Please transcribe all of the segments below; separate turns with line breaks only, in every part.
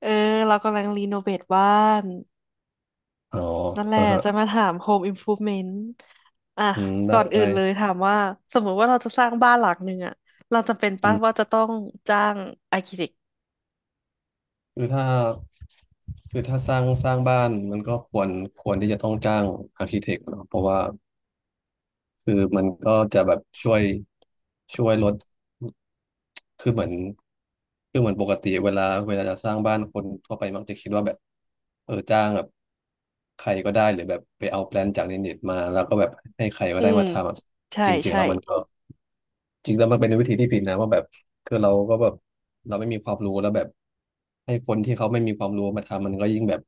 เออเรากำลังรีโนเวทบ้าน
อ๋อ
นั่นแหละ
อ่าฮะ
จะมาถาม Home Improvement อ่ะ
อืมได้
ก่อนอื่
ได้
นเลยถามว่าสมมติว่าเราจะสร้างบ้านหลังหนึ่งอ่ะเราจำเป็น
อื
ปะ
ม
ว่าจะต้องจ้างอาร์คิเท
คือถ้าคือถ้าสร้างบ้าน มันก็ควรที่จะต้องจ้างอาร์คิเทคเนาะเพราะว่า คือมันก็จะแบบช่วยลดคือเหมือนคือเหมือนปกติเวลาจะสร้างบ้าน คนทั่วไปมักจะคิดว่าแบบจ้างแบบใครก็ได้ หรือแบบไปเอาแปลนจากในเน็ตมา แล้วก็แบบให้ใครก็
อื
ได้
ม
มาทำอะ
ใช่
จริงๆ
ใช่
แล้วมันก็ จริงแล้วมันเป็นวิธีที่ผิดนะว่าแบบคือเราก็แบบเราไม่มีความรู้แล้วแบบให้คนที่เขาไม่มีความรู้มาทำมันก็ยิ่งแบบ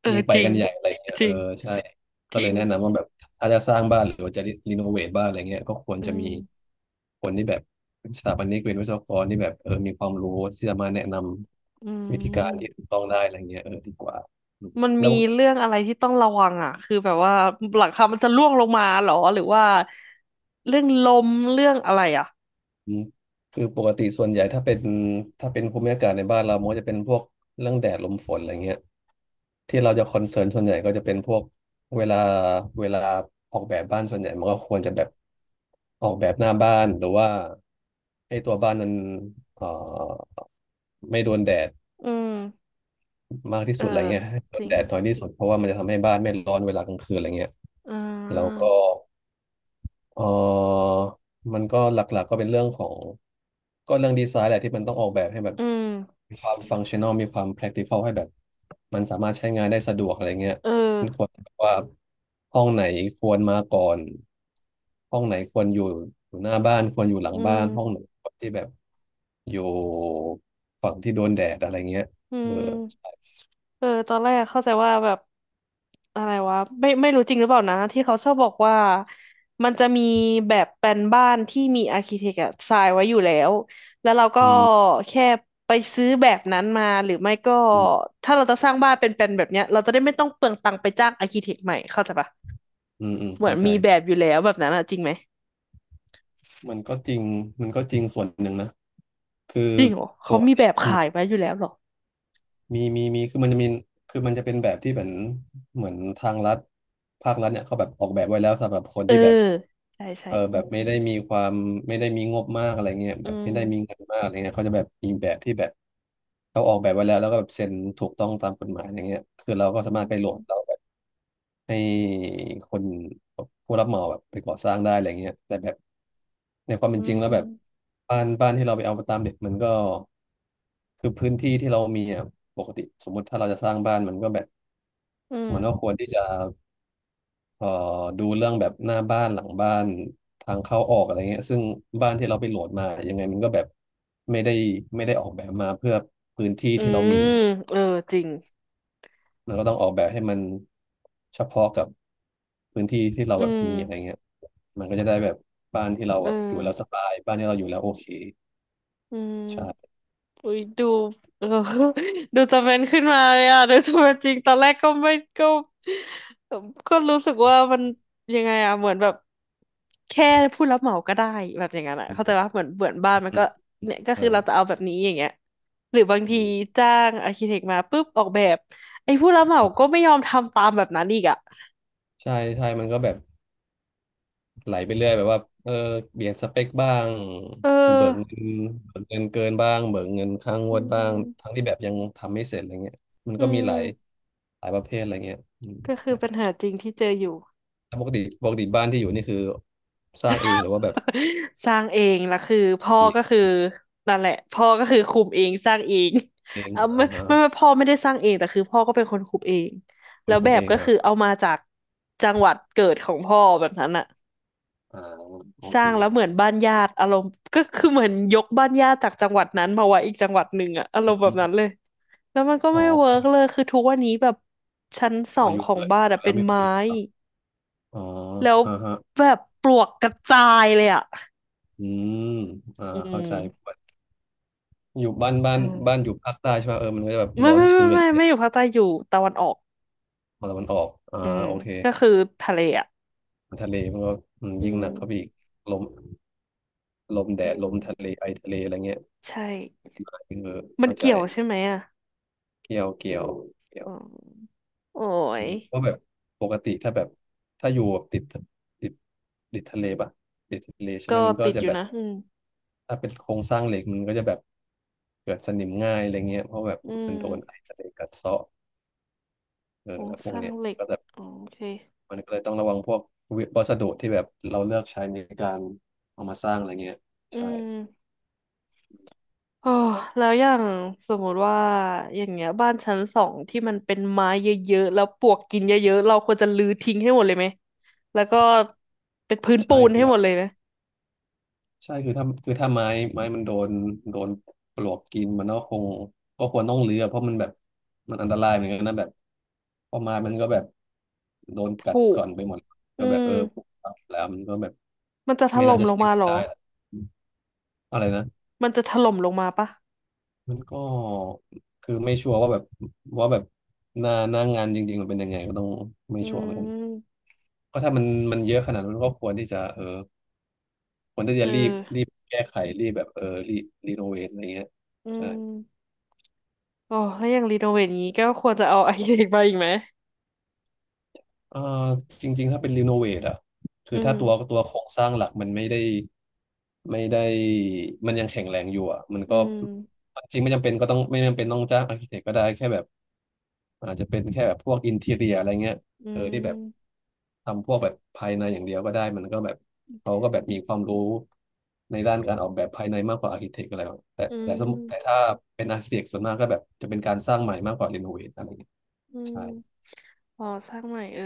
เออ
ยิ่งไป
จริ
กั
ง
นใหญ่อะไรเงี้ย
จริง
ใช่
จ
ก็เล
ริ
ย
ง
แนะนำว่าแบบถ้าจะสร้างบ้านหรือว่าจะรีโนเวทบ้านอะไรเงี้ยก็ควร
อื
จะ
ม
มีคนที่แบบเป็นสถาปนิกเป็นวิศวกรที่แบบมีความรู้ที่จะมาแนะน
อื
ำวิธีการที่
ม
ถูกต้องได้อะไรเงี้ยดีกว่าอืม
มัน
แล้
มี
ว
เรื่องอะไรที่ต้องระวังอ่ะคือแบบว่าหลังคามันจะร่วงลงมาเหรอหรือว่าเรื่องลมเรื่องอะไรอ่ะ
อืมคือปกติส่วนใหญ่ถ้าเป็นภูมิอากาศในบ้านเรามันก็จะเป็นพวกเรื่องแดดลมฝนอะไรเงี้ย ที่เราจะคอนเซิร์นส่วนใหญ่ก็จะเป็นพวกเวลาเวลาออกแบบบ้านส่วนใหญ่มันก็ควรจะแบบออกแบบหน้าบ้านหรือว่าให้ตัวบ้านมันเอ่อไม่โดนแดด
อืม
มากที่
เออ
สุดอะไรเงี้ยให้โด
จ
น
ริง
แดดน้อยที่สุดเพราะว่ามันจะทำให้บ้านไม่ร้อนเวลากลางคืนอะไรเงี้ย
อื
แล้วก็
ม
เออมันก็หลักๆก็เป็นเรื่องของก็เรื่องดีไซน์แหละที่มันต้องออกแบบให้แบบ
อืม
มีความฟังชั่น a ลมีความ practical ให้แบบมันสามารถใช้งานได้สะดวกอะไรเงี้ย
เออ
ว่าห้องไหนควรมาก่อนห้องไหนควรอยู่หน้าบ้านควรอยู่หลัง
อื
บ้า
ม
นห้องไหนควรที่แบบอยู่ฝั่งที่โดนแดดอะไรเงี้ย
อื
เออ
มเออตอนแรกเข้าใจว่าแบบอะไรวะไม่ไม่รู้จริงหรือเปล่านะที่เขาชอบบอกว่ามันจะมีแบบแปลนบ้านที่มีอาร์คิเทคอะทรายไว้อยู่แล้วแล้วเราก็
อืม
แค่ไปซื้อแบบนั้นมาหรือไม่ก็
อืม
ถ้าเราจะสร้างบ้านเป็นแปลนแบบเนี้ยเราจะได้ไม่ต้องเปลืองตังค์ไปจ้างอาร์คิเทคใหม่เข้าใจปะ
อืมอืม
เหมือ
เข้า
น
ใจ
มีแบบอยู่แล้วแบบนั้นอะจริงไหม
มันก็จริงมันก็จริงส่วนหนึ่งนะคือ
จริงเหรอ
ป
เขา
ก
มี
ติ
แบบ
อืม
ขายไว้อยู่แล้วเหรอ
มีคือมันจะเป็นแบบที่เหมือนทางรัฐภาครัฐเนี่ยเขาแบบออกแบบไว้แล้วสำหรับคน
เออ
ที่แบบ
ใช่ใช่
แบบไม่ได้มีความไม่ได้มีงบมากอะไรเงี้ย
อื
แบบ
ม
ไม่ได้มีเงินมากอะไรเงี้ยเขาจะแบบมีแบบที่แบบเขาออกแบบไว้แล้วแล้วก็แบบเซ็นถูกต้องตามกฎหมายอย่างเงี้ยคือเราก็
อื
สามารถไปโหลดเรา
ม
แบบให้คนผู้รับเหมาแบบไปก่อสร้างได้อะไรเงี้ยแต่แบบในความ
อื
เป็นจริงแล้วแบบ
ม
บ้านที่เราไปเอาตามเด็กมันก็คือพื้นที่ที่เรามีอ่ะปกติสมมติถ้าเราจะสร้างบ้านมันก็แบบ
อื
มันก็ค
ม
วรที่จะ เอ่อดูเรื่องแบบหน้าบ้านหลังบ้านทางเข้าออกอะไรเงี้ยซึ่งบ้านที่เราไปโหลดมายังไงมันก็แบบไม่ได้ไม่ได้ออกแบบมาเพื่อพื้นที่
อื
ที่เรามีอ
ม
ยู่
เออจริง
แล้วมันก็ต้องออกแบบให้มันเฉพาะกับพื้นที่ที่เรา
อื
แบบมีอะไร
ม
เงี้ยมันก็จะได้แบบบ้านที่เรา
เออ
แบบอยู่แล้วสบายบ้านที่เราอยู่แล้วโอเค
อื
ใช่
มอุ้ยดูเออ ดูจะเป็นขึ้นมาเลยอ่ะดูจะเป็นจริงตอนแรกก็ไม่ก็เอ่อก็รู้สึกว่ามันยังไงอ่ะเหมือนแบบแค่ผู้รับเหมาก็ได้แบบอย่างนั้นอ่ะ
อื
เข้าใจว่า
ม
เหมือนเหมือนบ้านมัน
อื
ก็
ม
เนี่ยก็
ใช่
คือเราจะเอาแบบนี้อย่างเงี้ยหรือบาง
อื
ที
ม
จ้างอาร์คิเทคมาปุ๊บออกแบบไอ้ผู้รับเหมาก็
อ่า
ไม่ยอมทำตามแบบนั้นอีกอ่ะ
ใช่ใช่มันก็แบบ ไหลไปเรื่อยแบบว่าเปลี่ยนสเปคบ้าง
เออ
เบิกเงินเบิกเงินเกินบ้างเบิกเงินค้างง
อื
วดบ้างทั้ง
ม
ที่แบบยังทำไม่เสร็จอะไรเงี้ยมัน
อื
ก็มี
ม
หลายประเภทอะไรเงี้ยอืม
ก็คือปัญ
ใช่
หาจริงที่เจออยู่
แล้วปกติบ้านที่อยู่นี่คือสร้างเองหรือว่าแบบ
สร้างเองแล้วคือพ่อ
เอง
ก็คือนั่นแหละพ่อก็คือคุมเองสร้างเอง
เอ ง
เอา
อ่า
ไม่
อ่า
ไม่ไม่พ่อไม่ได้สร้างเองแต่คือพ่อก็เป็นคนคุมเอง
ค
แล้
น
ว
คุ
แบ
ม
บ
เอง
ก็คือ
อ่า
เอามาจากจังหวัดเกิดของพ่อแบบนั้นอะ
อ่าโอ
ส
เค
ร้างแล้วเหมือนบ้านญาติอารมณ์ก็คือเหมือนยกบ้านญาติจากจังหวัดนั้นมาไว้อีกจังหวัดหนึ่งอะอาร
อ
มณ์แบบนั้
ม
นเลยแล้วมันก็
อ๋อ
ไม่เวิร์กเลยคือทุกวันนี้แบบชั้นสอ
เอา
ง
อยู่
ของ
เลย
บ้านอะเป็
แล้ว
น
ไม่โอเค
ไม้
ครับอ๋อ
แล้ว
อ่าฮะ
แบบปลวกกระจายเลยอ่ะ
อืมอ่า
อื
เข้าใจ
ม
อยู่บ้านบ้า
เอ
นบ้าน
อ
อยู่ภาคใต้ใช่ป่ะมันก็จะแบบ
ไม่
ร้อน
ไม่ไม่
ชื้น
ไม่ไม่อยู่ภาคใต้อยู่ตะวันออก
ฝั่งตะวันออก
อื
อ่า
ม
โอเค
ก็คือทะเลอ่ะ
ทะเลมันก็อืม
อื
ยิ่ง
ม
หนักเข้าไปอีกลมลมแด
อื
ดล
ม
มทะเลไอทะเลอะไรเงี้ย
ใช่
คือ
มัน
เข้าใจ
เกี่ยวใช่ไหมอ่ะ
เกี่ยวเกี่ยว
อืมโอ้
อื
ย
มเพราะแบบปกติถ้าแบบถ้าอยู่แบบติดติดทะเลปะติดทะเลใช่ไหม
ก็
มันก็
ติด
จะ
อ
แบ
ยู่
บ
นะ อืม
ถ้าเป็นโครงสร้างเหล็กมันก็จะแบบเกิดสนิมง่ายอะไรเงี้ยเพราะแบบ
อื
มันโดนไอ
ม
ทะเลกัดเซาะ
โครง
แล้วพ
ส
วก
ร้าง
เนี้ย
เหล็ก
ก็แบบ
อ๋อโอเค
มันก็เลยต้องระวังพวกวัสดุที่แบบเราเลือกใช้ในการเอามาสร้างอะไรเงี้ย
อื
ใช่
ม โอ้แล้วอย่างสมมุติว่าอย่างเงี้ยบ้านชั้นสองที่มันเป็นไม้เยอะๆแล้วปลวกกินเยอะๆเราควรจะรื้อทิ้งให้หมดเลยไหมแล้วก็เป็นพื้นปู
ใช่
น
คื
ให้
อ
หมดเลยไหม
ใช่คือถ้าคือถ้าไม้ไม้มันโดนโดนปลวกกินมันก็คงก็ควรต้องเลือเพราะมันแบบมันอันตรายเหมือนกันนะแบบเพอไม้มันก็แบบโดนกั
ผุ
ดก่อนไปหมดก็
อื
แบบ
ม
ผุแล้วมันก็แบบ
มันจะถ
ไม่น่า
ล่ม
จะ
ลง
ใช้
มา
งา
เห
น
รอ
ได้อะอะไรนะ
มันจะถล่มลงมาปะ
มันก็คือไม่ชัวร์ว่าแบบหน้างานจริงๆมันเป็นยังไงก็ต้องไม่
อื
ชัวร์เหมือนกัน
ม
ก็ถ้ามันเยอะขนาดนั้นก็ควรที่จะควรที่
เอ
จะ
อ
รีบแก้ไขรีบแบบรีโนเวทอะไรเงี้ย
อื
ใช่
มโอ้แล้วอย่างรีโนเวทงี้ก็ควรจะเอา ไอเด็กมาอีกไหม
เออจริงๆถ้าเป็นรีโนเวทอ่ะคื
อื
อ
ม
ถ้าตัวโครงสร้างหลักมันไม่ได้มันยังแข็งแรงอยู่อ่ะมัน
อื
ก็
ม
จริงไม่จำเป็นก็ต้องไม่จำเป็นต้องจ้างอาร์เคเต็กก็ได้แค่แบบ อาจจะเป็นแค่แบบพวกอินทีเรียอะไรเงี้ย
อื
เออที่แบบ
ม
ทำพวกแบบภายในอย่างเดียวก็ได้มันก็แบบเขาก็แบบมีความรู้ในด้านการออกแบบภายในมากกว่าอาร์คิเทคอะไรแบบแต่
อื
แต่สมมุติแต่
ม
ถ้าเป็นอาร์คิเทคส่วนมากก็แบบจะเป็นการสร้างใหม่มากกว่ารีโนเวทอะไรเงี้ย
อื
ใช่
มอ๋อสร้างใหม่เออ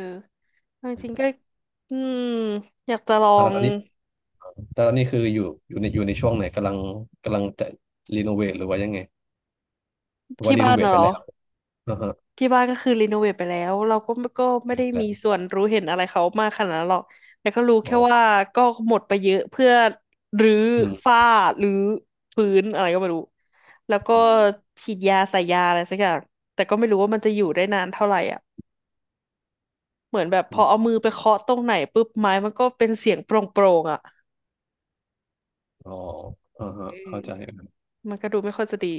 เอาจ
อื
ริงๆก็
ม
อืมอยากจะลอ
อ่ะแล้ว
ง
ตอนนี้แต่ตอนนี้คืออยู่อยู่ในช่วงไหนกำลังจะรีโนเวทหรือว่ายังไงหรือว่า
ที่
รี
บ้า
โน
น
เวท
น่ะ
ไป
เหรอ
แล้วอ่าฮะ
ที่บ้านก็คือรีโนเวทไปแล้วเราก็ก็ไม่ได้
แล้
มี
ว
ส่วนรู้เห็นอะไรเขามากขนาดนั้นหรอกแต่ก็รู้แค่
อ๋อ
ว่าก็หมดไปเยอะเพื่อรื้อ
อืม
ฝ้ารื้อพื้นอะไรก็ไม่รู้แล้วก็
อืม
ฉีดยาใส่ยาอะไรสักอย่างแต่ก็ไม่รู้ว่ามันจะอยู่ได้นานเท่าไหร่อ่ะเหมือนแบบพ
อื
อเอา
ม
มือไปเคาะตรงไหนปุ๊บไม้มันก็เป็นเสียงโปร่งๆอ่ะ
อ๋ออ่าฮะ
เอ
เข้า
อ
ใจ
มันก็ดูไม่ค่อยจะดี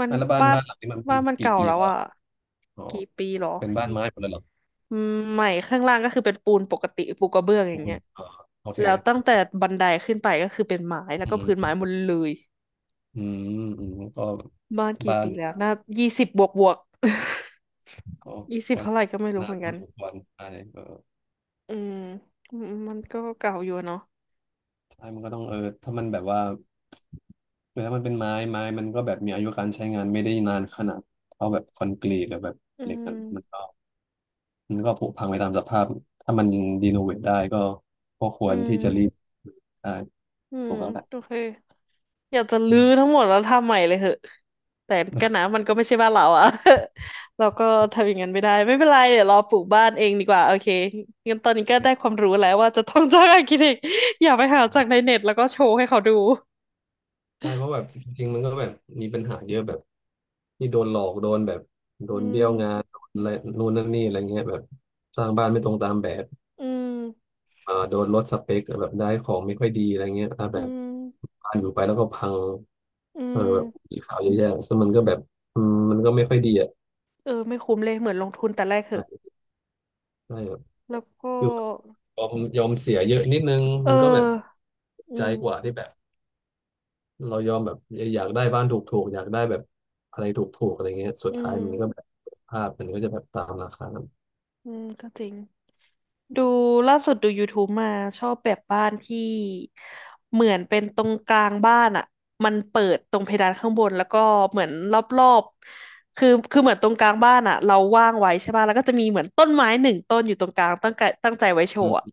มัน
อ่ะแล้ว
บ้าน
บ้านหลังนี้มันเป็
บ้า
น
นมัน
กี่
เก่า
ปี
แล้ว
แล้ว
อ่ะ
อะอ๋อ
กี่ปีหรอ
เป็นบ้าน
ยี่
ไม้หมดเลยเหรอ
อืมใหม่ข้างล่างก็คือเป็นปูนปกติปูกระเบื้องอ
ปู
ย่างเงี้
น
ย
อ๋อโอเค
แล้วตั้งแต่บันไดขึ้นไปก็คือเป็นไม้แล้ว
อื
ก็พื้นไม้
ม
หมดเลย
อืมอืมก็
บ้านกี่
บ้า
ปี
น
แล้วน่ายี่สิบบวกบวก
ก็
20
ก็
เท่าไหร่ก็ไม่รู้
นา
เห
น
มือน
พ
กั
อ
น
สมควรใช่เออ
อืมอืมมันก็เก่าอยู่อะเนาะ
ใช่มันก็ต้องเออถ้ามันแบบว่าแล้วมันเป็นไม้ไม้มันก็แบบมีอายุการใช้งานไม่ได้นานขนาดเท่าแบบคอนกรีตหรือแบบ
อื
เหล็กนะ
ม
มันก็ผุพังไปตามสภาพถ้ามันรีโนเวทได้ก็ก็ค
อื
วรที่จะรีบ
ม
ใช่
อื
ถู
ม
กแล้วแหละ
โอเค อยากจะรื้
อื
อทั้งหมดแล้วทำใหม่เลยเหอะแต่ก็นะมันก็ไม่ใช่บ้านเราอะ เราก็ทำอย่างนั้นไม่ได้ไม่เป็นไรเดี๋ยวรอปลูกบ้านเองดีกว่าโอเคงั้นตอนนี้ก็ได้ความรู้แล้วว่าจะต้องจ้างอาร์คิเทค อย่าไปหาจากใน
ม
เน็ตแล้วก็โชว์ให้เขาดู
ใช่เพราะแบบจริงๆมันก็แบบมีปัญหาเยอะแบบที่โดนหลอกโดนแบบโด
อื
นเบี้
ม
ยวงานโดนอะไรนู่นนั่นนี่อะไรเงี้ยแบบสร้างบ้านไม่ตรงตามแบบ
อืม
อ่าโดนลดสเปคแบบได้ของไม่ค่อยดีอะไรเงี้ยอ่า
อื
แบบ
ม
บ้านอยู่ไปแล้วก็พัง
อื
เออแบบ
ม
มีข่าวเยอะแยะซึ่งมันก็แบบอืมมันก็ไม่ค่อยดีอ่ะ
เออไม่คุ้มเลยเหมือนลงทุนแต่แรกเหอะ
ใช่ใช่แบบ
แล้วก็
คือยอมเสียเยอะนิดนึง
เออ
มันก็แบบ
อื
ใจ
ม
กว่าที่แบบ เรายอมแบบอยากได้บ้านถูกๆอยากได้แบบอะไรถูกๆอะไรเงี้ยสุด
อื
ท้าย
ม
มันก็แบบภาพมันก็จะแบบตามราคานั้น
อืมก็จริง ดูล่าสุดดู YouTube มาชอบแบบบ้านที่เหมือนเป็นตรงกลางบ้านอ่ะมันเปิดตรงเพดานข้างบนแล้วก็เหมือนรอบๆคือเหมือนตรงกลางบ้านอ่ะเราว่างไว้ใช่ป่ะแล้วก็จะมีเหมือนต้นไม้หนึ่งต้นอยู่ตรงกลางตั้งใจตั้งใจไว้โช
อื
ว์
ม
อะ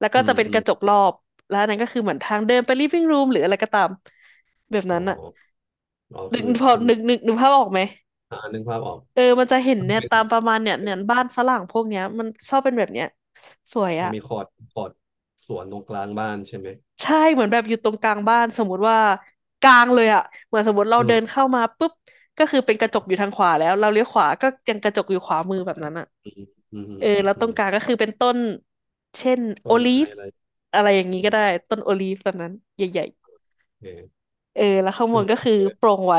แล้วก็
อื
จะ
ม
เป็น
อื
ก
ม
ระจกรอบแล้วอันนั้นก็คือเหมือนทางเดินไป living room หรืออะไรก็ตามแบบ
อ๋
นั้
อ
นอ่ะ
อ๋อ
นึ
คือ
กพอ
คน
นึกนึกนึกภาพออกไหม
อ่านึกภาพออก
เออมันจะเห็น
ก็
เนี่ย
เป็น
ตามประมาณเนี่ยเนี่ยบ้านฝรั่งพวกเนี้ยมันชอบเป็นแบบเนี้ยสวย
อ๋อ
อะ
มีคอร์ดคอร์ดสวนตรงกลางบ้านใช่ไหม
ใช่เหมือนแบบอยู่ตรงกลางบ้านสมมติว่ากลางเลยอะเหมือนสมมติเรา
อื
เดิน
ม
เข้ามาปุ๊บก็คือเป็นกระจกอยู่ทางขวาแล้วเราเลี้ยวขวาก็ยังกระจกอยู่ขวามือแบบนั้นอะ
อืมอืม
เออแล้ว
อื
ตรง
ม
กลางก็คือเป็นต้นเช่น
ต้
โอ
น
ลี
ไม้
ฟ
อะไร
อะไรอย่างนี้
โอ
ก็ได้ต้นโอลีฟแบบนั้นใหญ่
เค
ๆเออแล้วข้าง
คื
บ
อ
น
มัน
ก็
ก็
คือ
เยอะ
โปร่งไว้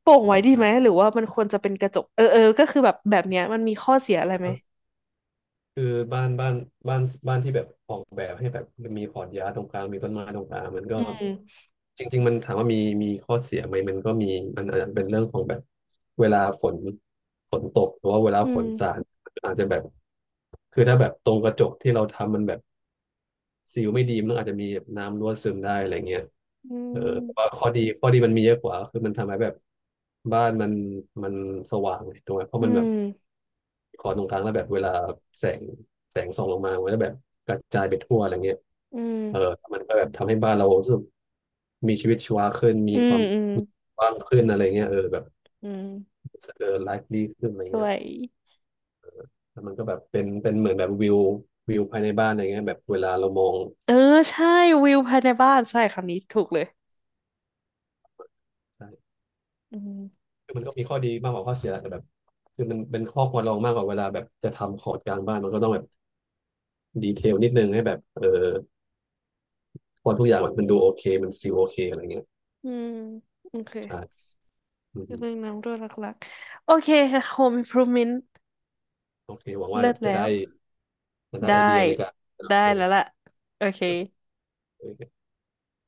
โปร่ง
อื
ไว้
ม
ดี
ใช่
ไหมหรือว่ามันควรจะเป็นกระจกเออเออก็คือแบบแบบเนี้ยมันมีข้อเสียอะไรไหม
คือบ้านบ้านบ้านบ้านที่แบบออกแบบให้แบบมีพอร์ตยาตรงกลางมีต้นไม้ตรงกลางมันก็
อืม
จริงๆมันถามว่ามีข้อเสียไหมมันก็มีมันอาจจะเป็นเรื่องของแบบเวลาฝนตกหรือว่าเวลา
อื
ฝ
ม
นสาดอาจจะแบบคือถ้าแบบตรงกระจกที่เราทำมันแบบซีลไม่ดีมันอาจจะมีแบบน้ำรั่วซึมได้อะไรเงี้ย
อื
เออแต่ว่า
ม
ข้อดีมันมีเยอะกว่าคือมันทำให้แบบบ้านมันมันสว่างเลยถูกไหมเพราะ
อื
มันแบบ
ม
คอนตรงกลางแล้วแบบเวลาแสงแสงส่องลงมามันก็แบบกระจายไปทั่วอะไรเงี้ย
อืม
เออมันก็แบบทำให้บ้านเรารู้สึกมีชีวิตชีวาขึ้นมี
อื
ค
ม
วาม
อืม
กว้างขึ้นอะไรเงี้ยเออแบบ
อืม
เออไลฟ์ดีขึ้นอะไร
สว
เงี้ย
ย
แล้วมันก็แบบเป็นเหมือนแบบวิวภายในบ้านอะไรเงี้ยแบบเวลาเรามอง
เออใช่วิวภายในบ้านใช่คำนี้ถูกเลย
ใช่
อืม
คือมันก็มีข้อดีมากกว่าข้อเสียแต่แบบคือมันเป็นข้อควรระวังมากกว่าเวลาแบบจะทำขอดกลางบ้านมันก็ต้องแบบดีเทลนิดนึงให้แบบเออพอทุกอย่างมันดูโอเคมันซีลโอเคอะไรเงี้ย
อืมโอเค
ใช่อืม
เรื่องน้ำรั่วหลักๆโอเคค่ะ Home Improvement
โอเคหวังว่า
เลิศ
จะ
แล้ว
ได้จะได้
ได้
ไอเดียในการ
ได้
โอเค
แล้วล่ะโอเค
โอเค